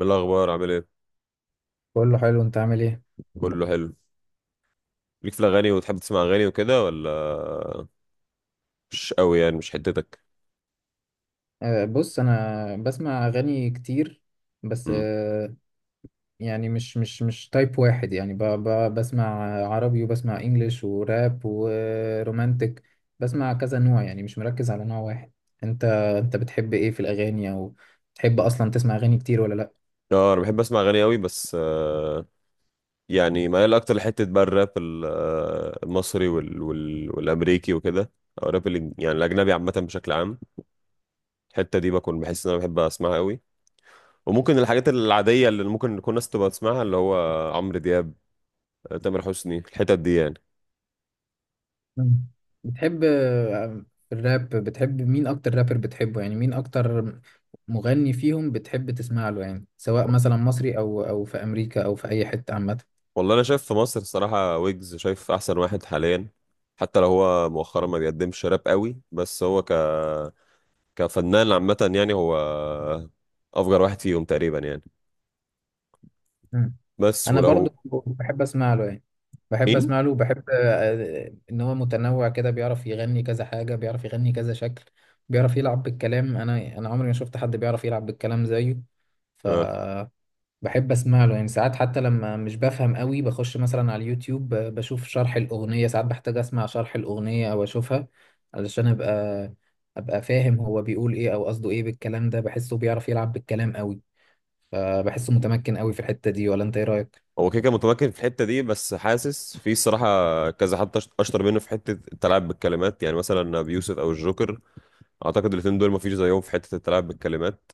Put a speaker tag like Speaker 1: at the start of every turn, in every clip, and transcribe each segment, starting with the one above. Speaker 1: بالأخبار عامل ايه؟
Speaker 2: بقول له حلو، انت عامل ايه؟
Speaker 1: كله حلو. ليك في الأغاني وتحب تسمع أغاني وكده ولا؟ مش قوي يعني مش حتتك.
Speaker 2: أه، بص، انا بسمع اغاني كتير، بس
Speaker 1: امم.
Speaker 2: يعني مش تايب واحد، يعني ب ب بسمع عربي وبسمع انجليش وراب ورومانتك. بسمع كذا نوع، يعني مش مركز على نوع واحد. انت انت بتحب ايه في الاغاني، او بتحب اصلا تسمع اغاني كتير ولا لا؟
Speaker 1: اه، أنا بحب أسمع أغاني قوي بس يعني ميال أكتر لحتة بقى الراب المصري وال والأمريكي وكده. أو الراب يعني الأجنبي عامة بشكل عام. الحتة دي بكون بحس إن أنا بحب أسمعها قوي. وممكن الحاجات العادية اللي ممكن تكون ناس تبقى تسمعها اللي هو عمرو دياب، تامر حسني الحتت دي يعني.
Speaker 2: مم. بتحب، الراب؟ بتحب مين اكتر رابر بتحبه، يعني مين اكتر مغني فيهم بتحب تسمع له، يعني سواء مثلا مصري او في امريكا او في اي حتة عامة؟
Speaker 1: والله انا شايف في مصر الصراحه، ويجز شايف احسن واحد حاليا. حتى لو هو مؤخرا ما بيقدمش راب قوي، بس هو كفنان عامه يعني هو افجر واحد فيهم تقريبا يعني.
Speaker 2: مم.
Speaker 1: بس
Speaker 2: انا برضو
Speaker 1: ولو.
Speaker 2: بحب اسمع له يعني. بحب
Speaker 1: مين؟
Speaker 2: اسمع له، وبحب ان هو متنوع كده، بيعرف يغني كذا حاجه، بيعرف يغني كذا شكل. بيعرف يلعب بالكلام. انا عمري ما شفت حد بيعرف يلعب بالكلام زيه، ف
Speaker 1: آه.
Speaker 2: بحب اسمع له يعني. ساعات حتى لما مش بفهم قوي بخش مثلا على اليوتيوب، بشوف شرح الاغنيه. ساعات بحتاج اسمع شرح الاغنيه او اشوفها علشان ابقى فاهم هو بيقول ايه او قصده ايه بالكلام ده. بحسه بيعرف يلعب بالكلام قوي، فبحسه متمكن قوي في الحته دي. ولا انت ايه رايك؟
Speaker 1: هو كده كده متمكن في الحته دي، بس حاسس في الصراحه كذا حد اشطر منه في حته التلاعب بالكلمات، يعني مثلا ابي يوسف او الجوكر. اعتقد الاثنين دول ما فيش زيهم في حته التلاعب بالكلمات.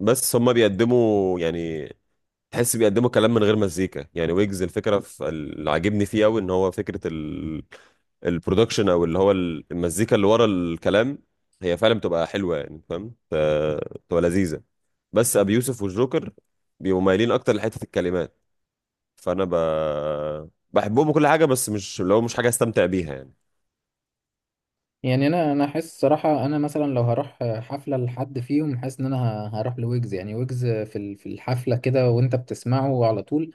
Speaker 1: بس هما بيقدموا يعني، تحس بيقدموا كلام من غير مزيكا يعني. ويجز الفكره في اللي عاجبني فيه قوي ان هو البرودكشن او اللي هو المزيكا اللي ورا الكلام، هي فعلا بتبقى حلوه يعني، فاهم. بتبقى لذيذه. بس ابي يوسف والجوكر بيبقوا مايلين اكتر لحته الكلمات. فانا ب... بحبهم وكل حاجه، بس مش لو مش حاجه استمتع بيها يعني.
Speaker 2: يعني انا احس صراحه انا مثلا لو هروح حفله لحد فيهم، حاسس ان انا هروح لويجز. يعني ويجز في في الحفله كده وانت بتسمعه على طول،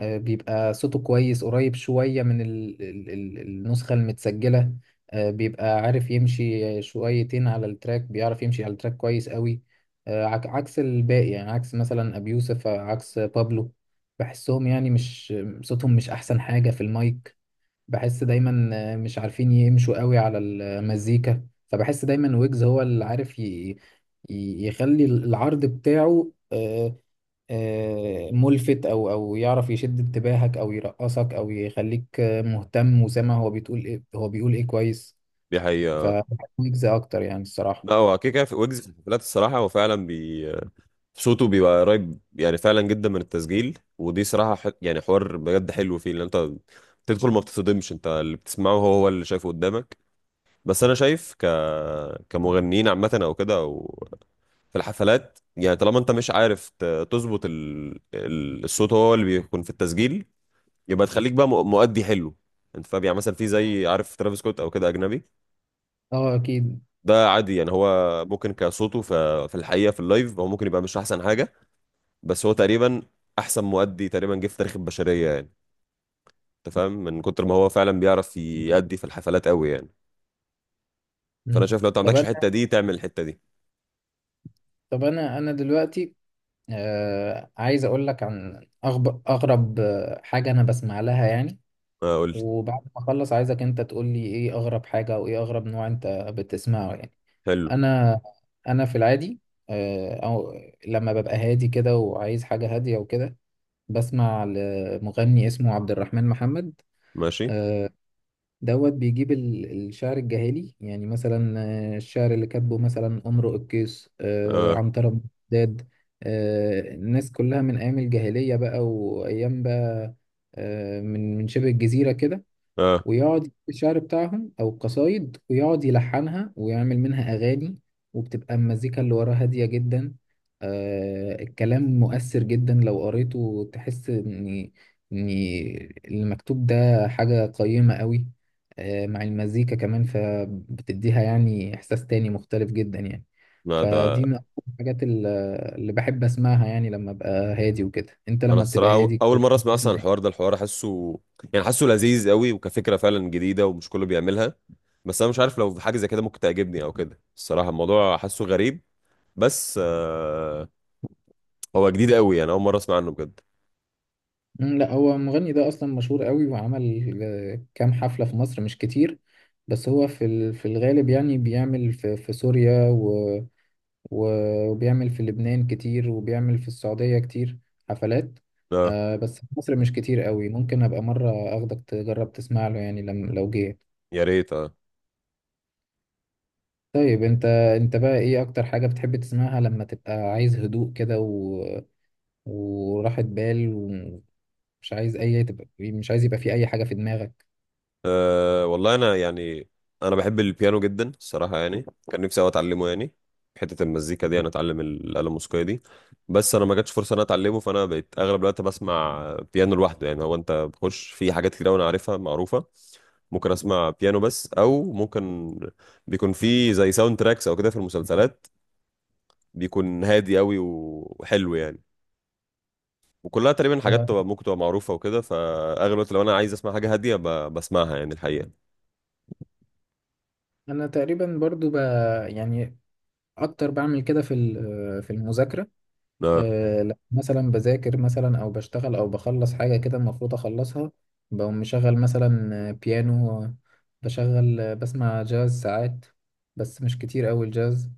Speaker 2: بيبقى صوته كويس، قريب شويه من ال ال ال النسخه المتسجله. بيبقى عارف يمشي شويتين على التراك، بيعرف يمشي على التراك كويس قوي، عكس الباقي. يعني عكس مثلا ابي يوسف، عكس بابلو. بحسهم يعني مش، صوتهم مش احسن حاجه في المايك، بحس دايما مش عارفين يمشوا قوي على المزيكا. فبحس دايما ويجز هو اللي عارف يخلي العرض بتاعه ملفت، او يعرف يشد انتباهك او يرقصك او يخليك مهتم وسامع هو بيقول ايه كويس،
Speaker 1: دي حقيقه.
Speaker 2: فبحب ويجز اكتر يعني، الصراحة.
Speaker 1: لا هو كده كده في ويجز في الحفلات الصراحه، هو فعلا صوته بيبقى قريب يعني فعلا جدا من التسجيل. ودي صراحة يعني حوار بجد حلو فيه، لان انت تدخل ما بتصدمش، انت اللي بتسمعه هو هو اللي شايفه قدامك. بس انا شايف كمغنيين عامة او كده، او في الحفلات يعني، طالما انت مش عارف تظبط الصوت هو اللي بيكون في التسجيل، يبقى تخليك بقى مؤدي حلو. انت فاهم، يعني مثلا في زي، عارف ترافيس سكوت او كده اجنبي،
Speaker 2: اه، اكيد.
Speaker 1: ده عادي يعني هو ممكن كصوته في الحقيقة في اللايف هو ممكن يبقى مش احسن حاجة. بس هو تقريبا احسن مؤدي تقريبا جه في تاريخ البشريه يعني. انت فاهم، من كتر ما هو فعلا بيعرف يأدي في الحفلات قوي يعني. فانا
Speaker 2: مم.
Speaker 1: شايف لو انت ما
Speaker 2: طب
Speaker 1: عندكش
Speaker 2: انا
Speaker 1: الحته دي، تعمل الحته دي.
Speaker 2: طب انا دلوقتي، عايز اقول لك عن اغرب حاجة انا بسمع لها يعني.
Speaker 1: آه، قول لي.
Speaker 2: وبعد ما اخلص، عايزك انت تقول لي ايه اغرب حاجة او ايه اغرب نوع انت بتسمعه يعني.
Speaker 1: حلو.
Speaker 2: انا انا في العادي، آه، او لما ببقى هادي كده وعايز حاجة هادية وكده، بسمع لمغني اسمه عبد الرحمن محمد.
Speaker 1: ماشي.
Speaker 2: آه، دوت بيجيب الشعر الجاهلي، يعني مثلا الشعر اللي كاتبه مثلا أمرؤ القيس،
Speaker 1: اه.
Speaker 2: عنترة بن شداد، الناس كلها من أيام الجاهلية بقى، وأيام بقى من شبه الجزيرة كده.
Speaker 1: اه.
Speaker 2: ويقعد يجيب الشعر بتاعهم أو القصايد، ويقعد يلحنها ويعمل منها أغاني. وبتبقى المزيكا اللي وراها هادية جدا، الكلام مؤثر جدا. لو قريته تحس إن إن المكتوب ده حاجة قيمة قوي، مع المزيكا كمان، فبتديها يعني إحساس تاني مختلف جدا يعني.
Speaker 1: ما ده.
Speaker 2: فدي من أكتر الحاجات اللي بحب أسمعها، يعني لما أبقى هادي وكده. أنت
Speaker 1: انا
Speaker 2: لما بتبقى
Speaker 1: الصراحه
Speaker 2: هادي
Speaker 1: اول مره اسمع
Speaker 2: بتسمع
Speaker 1: اصلا الحوار
Speaker 2: إيه؟
Speaker 1: ده، الحوار حاسه يعني حاسه لذيذ قوي، وكفكره فعلا جديده ومش كله بيعملها. بس انا مش عارف لو في حاجه زي كده ممكن تعجبني او كده، الصراحه الموضوع حاسه غريب. بس هو جديد قوي يعني، اول مره اسمع عنه بجد.
Speaker 2: مم، لا، هو المغني ده اصلا مشهور قوي، وعمل كام حفلة في مصر، مش كتير، بس هو في في الغالب يعني بيعمل في سوريا، وبيعمل في لبنان كتير، وبيعمل في السعودية كتير حفلات.
Speaker 1: اه.
Speaker 2: بس في مصر مش كتير قوي. ممكن ابقى مرة اخدك تجرب تسمع له يعني لما لو جه.
Speaker 1: يا ريت، اه.
Speaker 2: طيب انت بقى ايه اكتر حاجة بتحب تسمعها لما تبقى عايز هدوء كده وراحة بال، ومش عايز اي تبقى مش عايز يبقى في اي حاجة في دماغك؟
Speaker 1: أه، والله انا يعني انا بحب البيانو جدا الصراحه يعني. كان نفسي أوي اتعلمه يعني، حته المزيكا دي انا اتعلم الاله الموسيقيه دي. بس انا ما جاتش فرصه ان انا اتعلمه، فانا بقيت اغلب الوقت بسمع بيانو لوحده يعني. هو انت بخش في حاجات كتير أوي انا عارفها معروفه. ممكن اسمع بيانو بس، او ممكن بيكون في زي ساوند تراكس او كده في المسلسلات، بيكون هادي قوي وحلو يعني. وكلها تقريبا حاجات تبقى ممكن تبقى معروفه وكده، فاغلب الوقت لو انا عايز اسمع حاجه هاديه بسمعها يعني الحقيقه.
Speaker 2: انا تقريبا برضو يعني اكتر بعمل كده في في المذاكره. لما مثلا بذاكر، مثلا او بشتغل او بخلص حاجه كده المفروض اخلصها، بقوم مشغل مثلا بيانو، بشغل بسمع جاز ساعات، بس مش كتير قوي الجاز.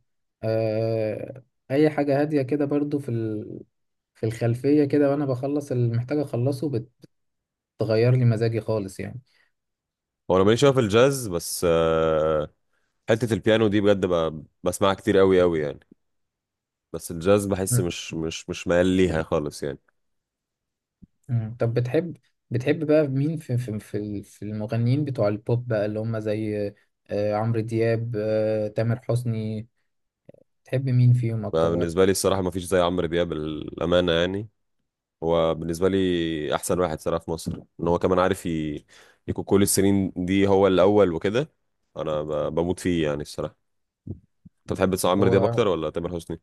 Speaker 2: أه، اي حاجه هاديه كده برضو في في الخلفيه كده، وانا بخلص اللي محتاج اخلصه. بتغير لي مزاجي خالص يعني.
Speaker 1: هو انا ماليش قوي في الجاز، بس حتة البيانو دي بجد بسمعها كتير قوي قوي يعني. بس الجاز بحس مش ميال ليها خالص يعني.
Speaker 2: مم. طب بتحب بقى مين في المغنيين بتوع البوب بقى، اللي هم زي عمرو دياب، تامر حسني؟ بتحب مين فيهم
Speaker 1: ما
Speaker 2: اكتر واحد؟
Speaker 1: بالنسبة لي الصراحة ما فيش زي عمرو دياب الأمانة يعني. هو بالنسبة لي أحسن واحد صراحة في مصر، إن هو كمان عارف يكون كل السنين دي هو الأول وكده. أنا بموت فيه يعني الصراحة. أنت بتحب تسمع عمرو دياب
Speaker 2: هو
Speaker 1: أكتر ولا تامر حسني؟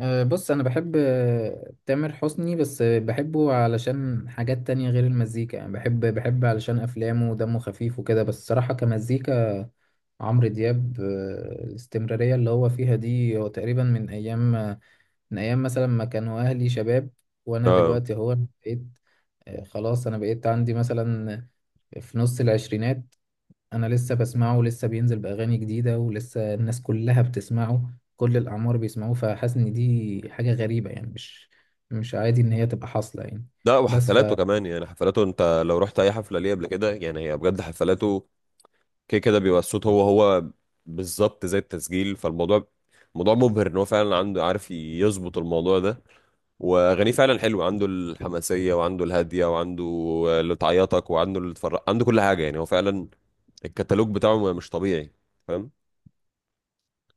Speaker 2: بص، انا بحب تامر حسني، بس بحبه علشان حاجات تانية غير المزيكا يعني. بحب علشان افلامه ودمه خفيف وكده. بس صراحة كمزيكا، عمرو دياب، الاستمرارية اللي هو فيها دي، هو تقريبا من ايام، من ايام مثلا ما كانوا اهلي شباب، وانا
Speaker 1: آه.
Speaker 2: دلوقتي بقيت، خلاص انا بقيت عندي مثلا في نص العشرينات، انا لسه بسمعه، ولسه بينزل باغاني جديده، ولسه الناس كلها بتسمعه، كل الاعمار بيسمعوه. فحاسس ان دي حاجه غريبه، يعني مش عادي ان هي تبقى حاصله يعني.
Speaker 1: لا،
Speaker 2: بس ف
Speaker 1: وحفلاته كمان يعني، حفلاته أنت لو رحت أي حفلة ليه قبل كده يعني، هي بجد حفلاته كده كده بيبقى الصوت هو هو بالظبط زي التسجيل. فالموضوع موضوع مبهر ان هو فعلا عنده، عارف يظبط الموضوع ده. واغانيه فعلا حلوه، عنده الحماسيه وعنده الهاديه وعنده اللي تعيطك وعنده اللي تفرق، عنده كل حاجه يعني. هو فعلا الكتالوج بتاعه مش طبيعي. فاهم.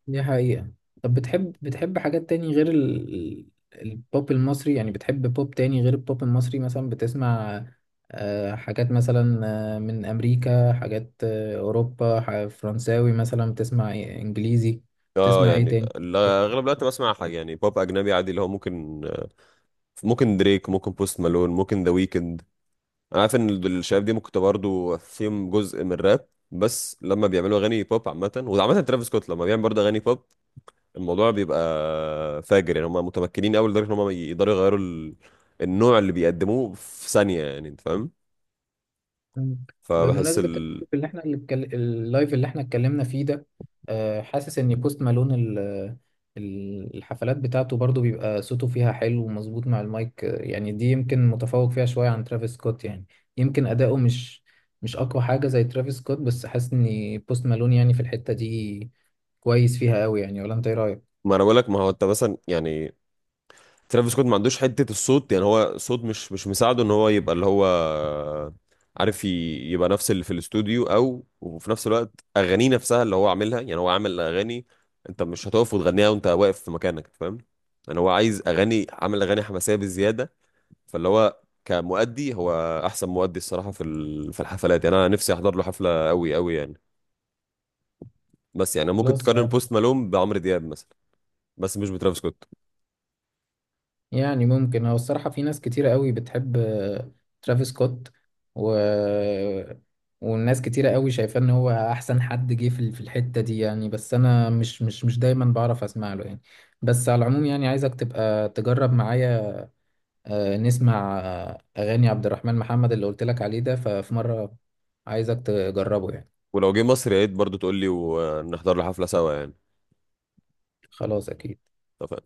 Speaker 2: دي حقيقة. طب بتحب حاجات تاني غير البوب المصري؟ يعني بتحب بوب تاني غير البوب المصري؟ مثلا بتسمع حاجات، مثلا من أمريكا؟ حاجات أوروبا، فرنساوي، مثلا بتسمع إيه؟ إنجليزي؟
Speaker 1: اه،
Speaker 2: بتسمع إيه
Speaker 1: يعني
Speaker 2: تاني؟
Speaker 1: اغلب الوقت بسمع حاجه يعني بوب اجنبي عادي اللي هو ممكن دريك، ممكن بوست مالون، ممكن ذا ويكند. انا عارف ان الشباب دي ممكن تبقى برضه فيهم جزء من الراب، بس لما بيعملوا اغاني بوب عامه، وعامه ترافيس سكوت لما بيعمل برضه اغاني بوب، الموضوع بيبقى فاجر يعني. هم متمكنين قوي لدرجه ان هم يقدروا يغيروا النوع اللي بيقدموه في ثانيه يعني، انت فاهم.
Speaker 2: مم.
Speaker 1: فبحس
Speaker 2: بمناسبة
Speaker 1: ال...
Speaker 2: اللايف اللي احنا اتكلمنا فيه ده، حاسس ان بوست مالون الحفلات بتاعته برضو بيبقى صوته فيها حلو ومظبوط مع المايك. يعني دي يمكن متفوق فيها شوية عن ترافيس سكوت يعني. يمكن أداؤه مش أقوى حاجة زي ترافيس سكوت، بس حاسس ان بوست مالون يعني في الحتة دي كويس فيها قوي يعني. ولا انت ايه رأيك؟
Speaker 1: ما انا بقول لك، ما هو انت مثلا يعني ترافيس سكوت ما عندوش حتة الصوت يعني، هو صوت مش مساعده ان هو يبقى اللي هو عارف يبقى نفس اللي في الاستوديو، او وفي نفس الوقت اغانيه نفسها اللي هو عاملها يعني. هو عامل اغاني انت مش هتقف وتغنيها وانت واقف في مكانك، فاهم يعني. هو عايز اغاني، عامل اغاني حماسية بزيادة. فاللي هو كمؤدي، هو احسن مؤدي الصراحة في في الحفلات يعني، انا نفسي احضر له حفلة قوي قوي يعني. بس يعني ممكن
Speaker 2: خلاص.
Speaker 1: تقارن بوست مالوم بعمرو دياب مثلا، بس مش بترافيس سكوت.
Speaker 2: يعني ممكن، هو الصراحة في ناس كتيرة قوي بتحب ترافيس سكوت و... والناس كتيرة قوي شايفاه ان هو احسن حد جه في في الحتة دي يعني. بس انا مش دايما بعرف اسمع له يعني. بس على العموم، يعني عايزك تبقى تجرب معايا نسمع اغاني عبد الرحمن محمد اللي قلت لك عليه ده. ففي مرة عايزك تجربه يعني.
Speaker 1: ولو جه مصر يا ريت برضه تقول لي ونحضر له حفلة سوا يعني.
Speaker 2: خلاص، اكيد.
Speaker 1: اتفقنا.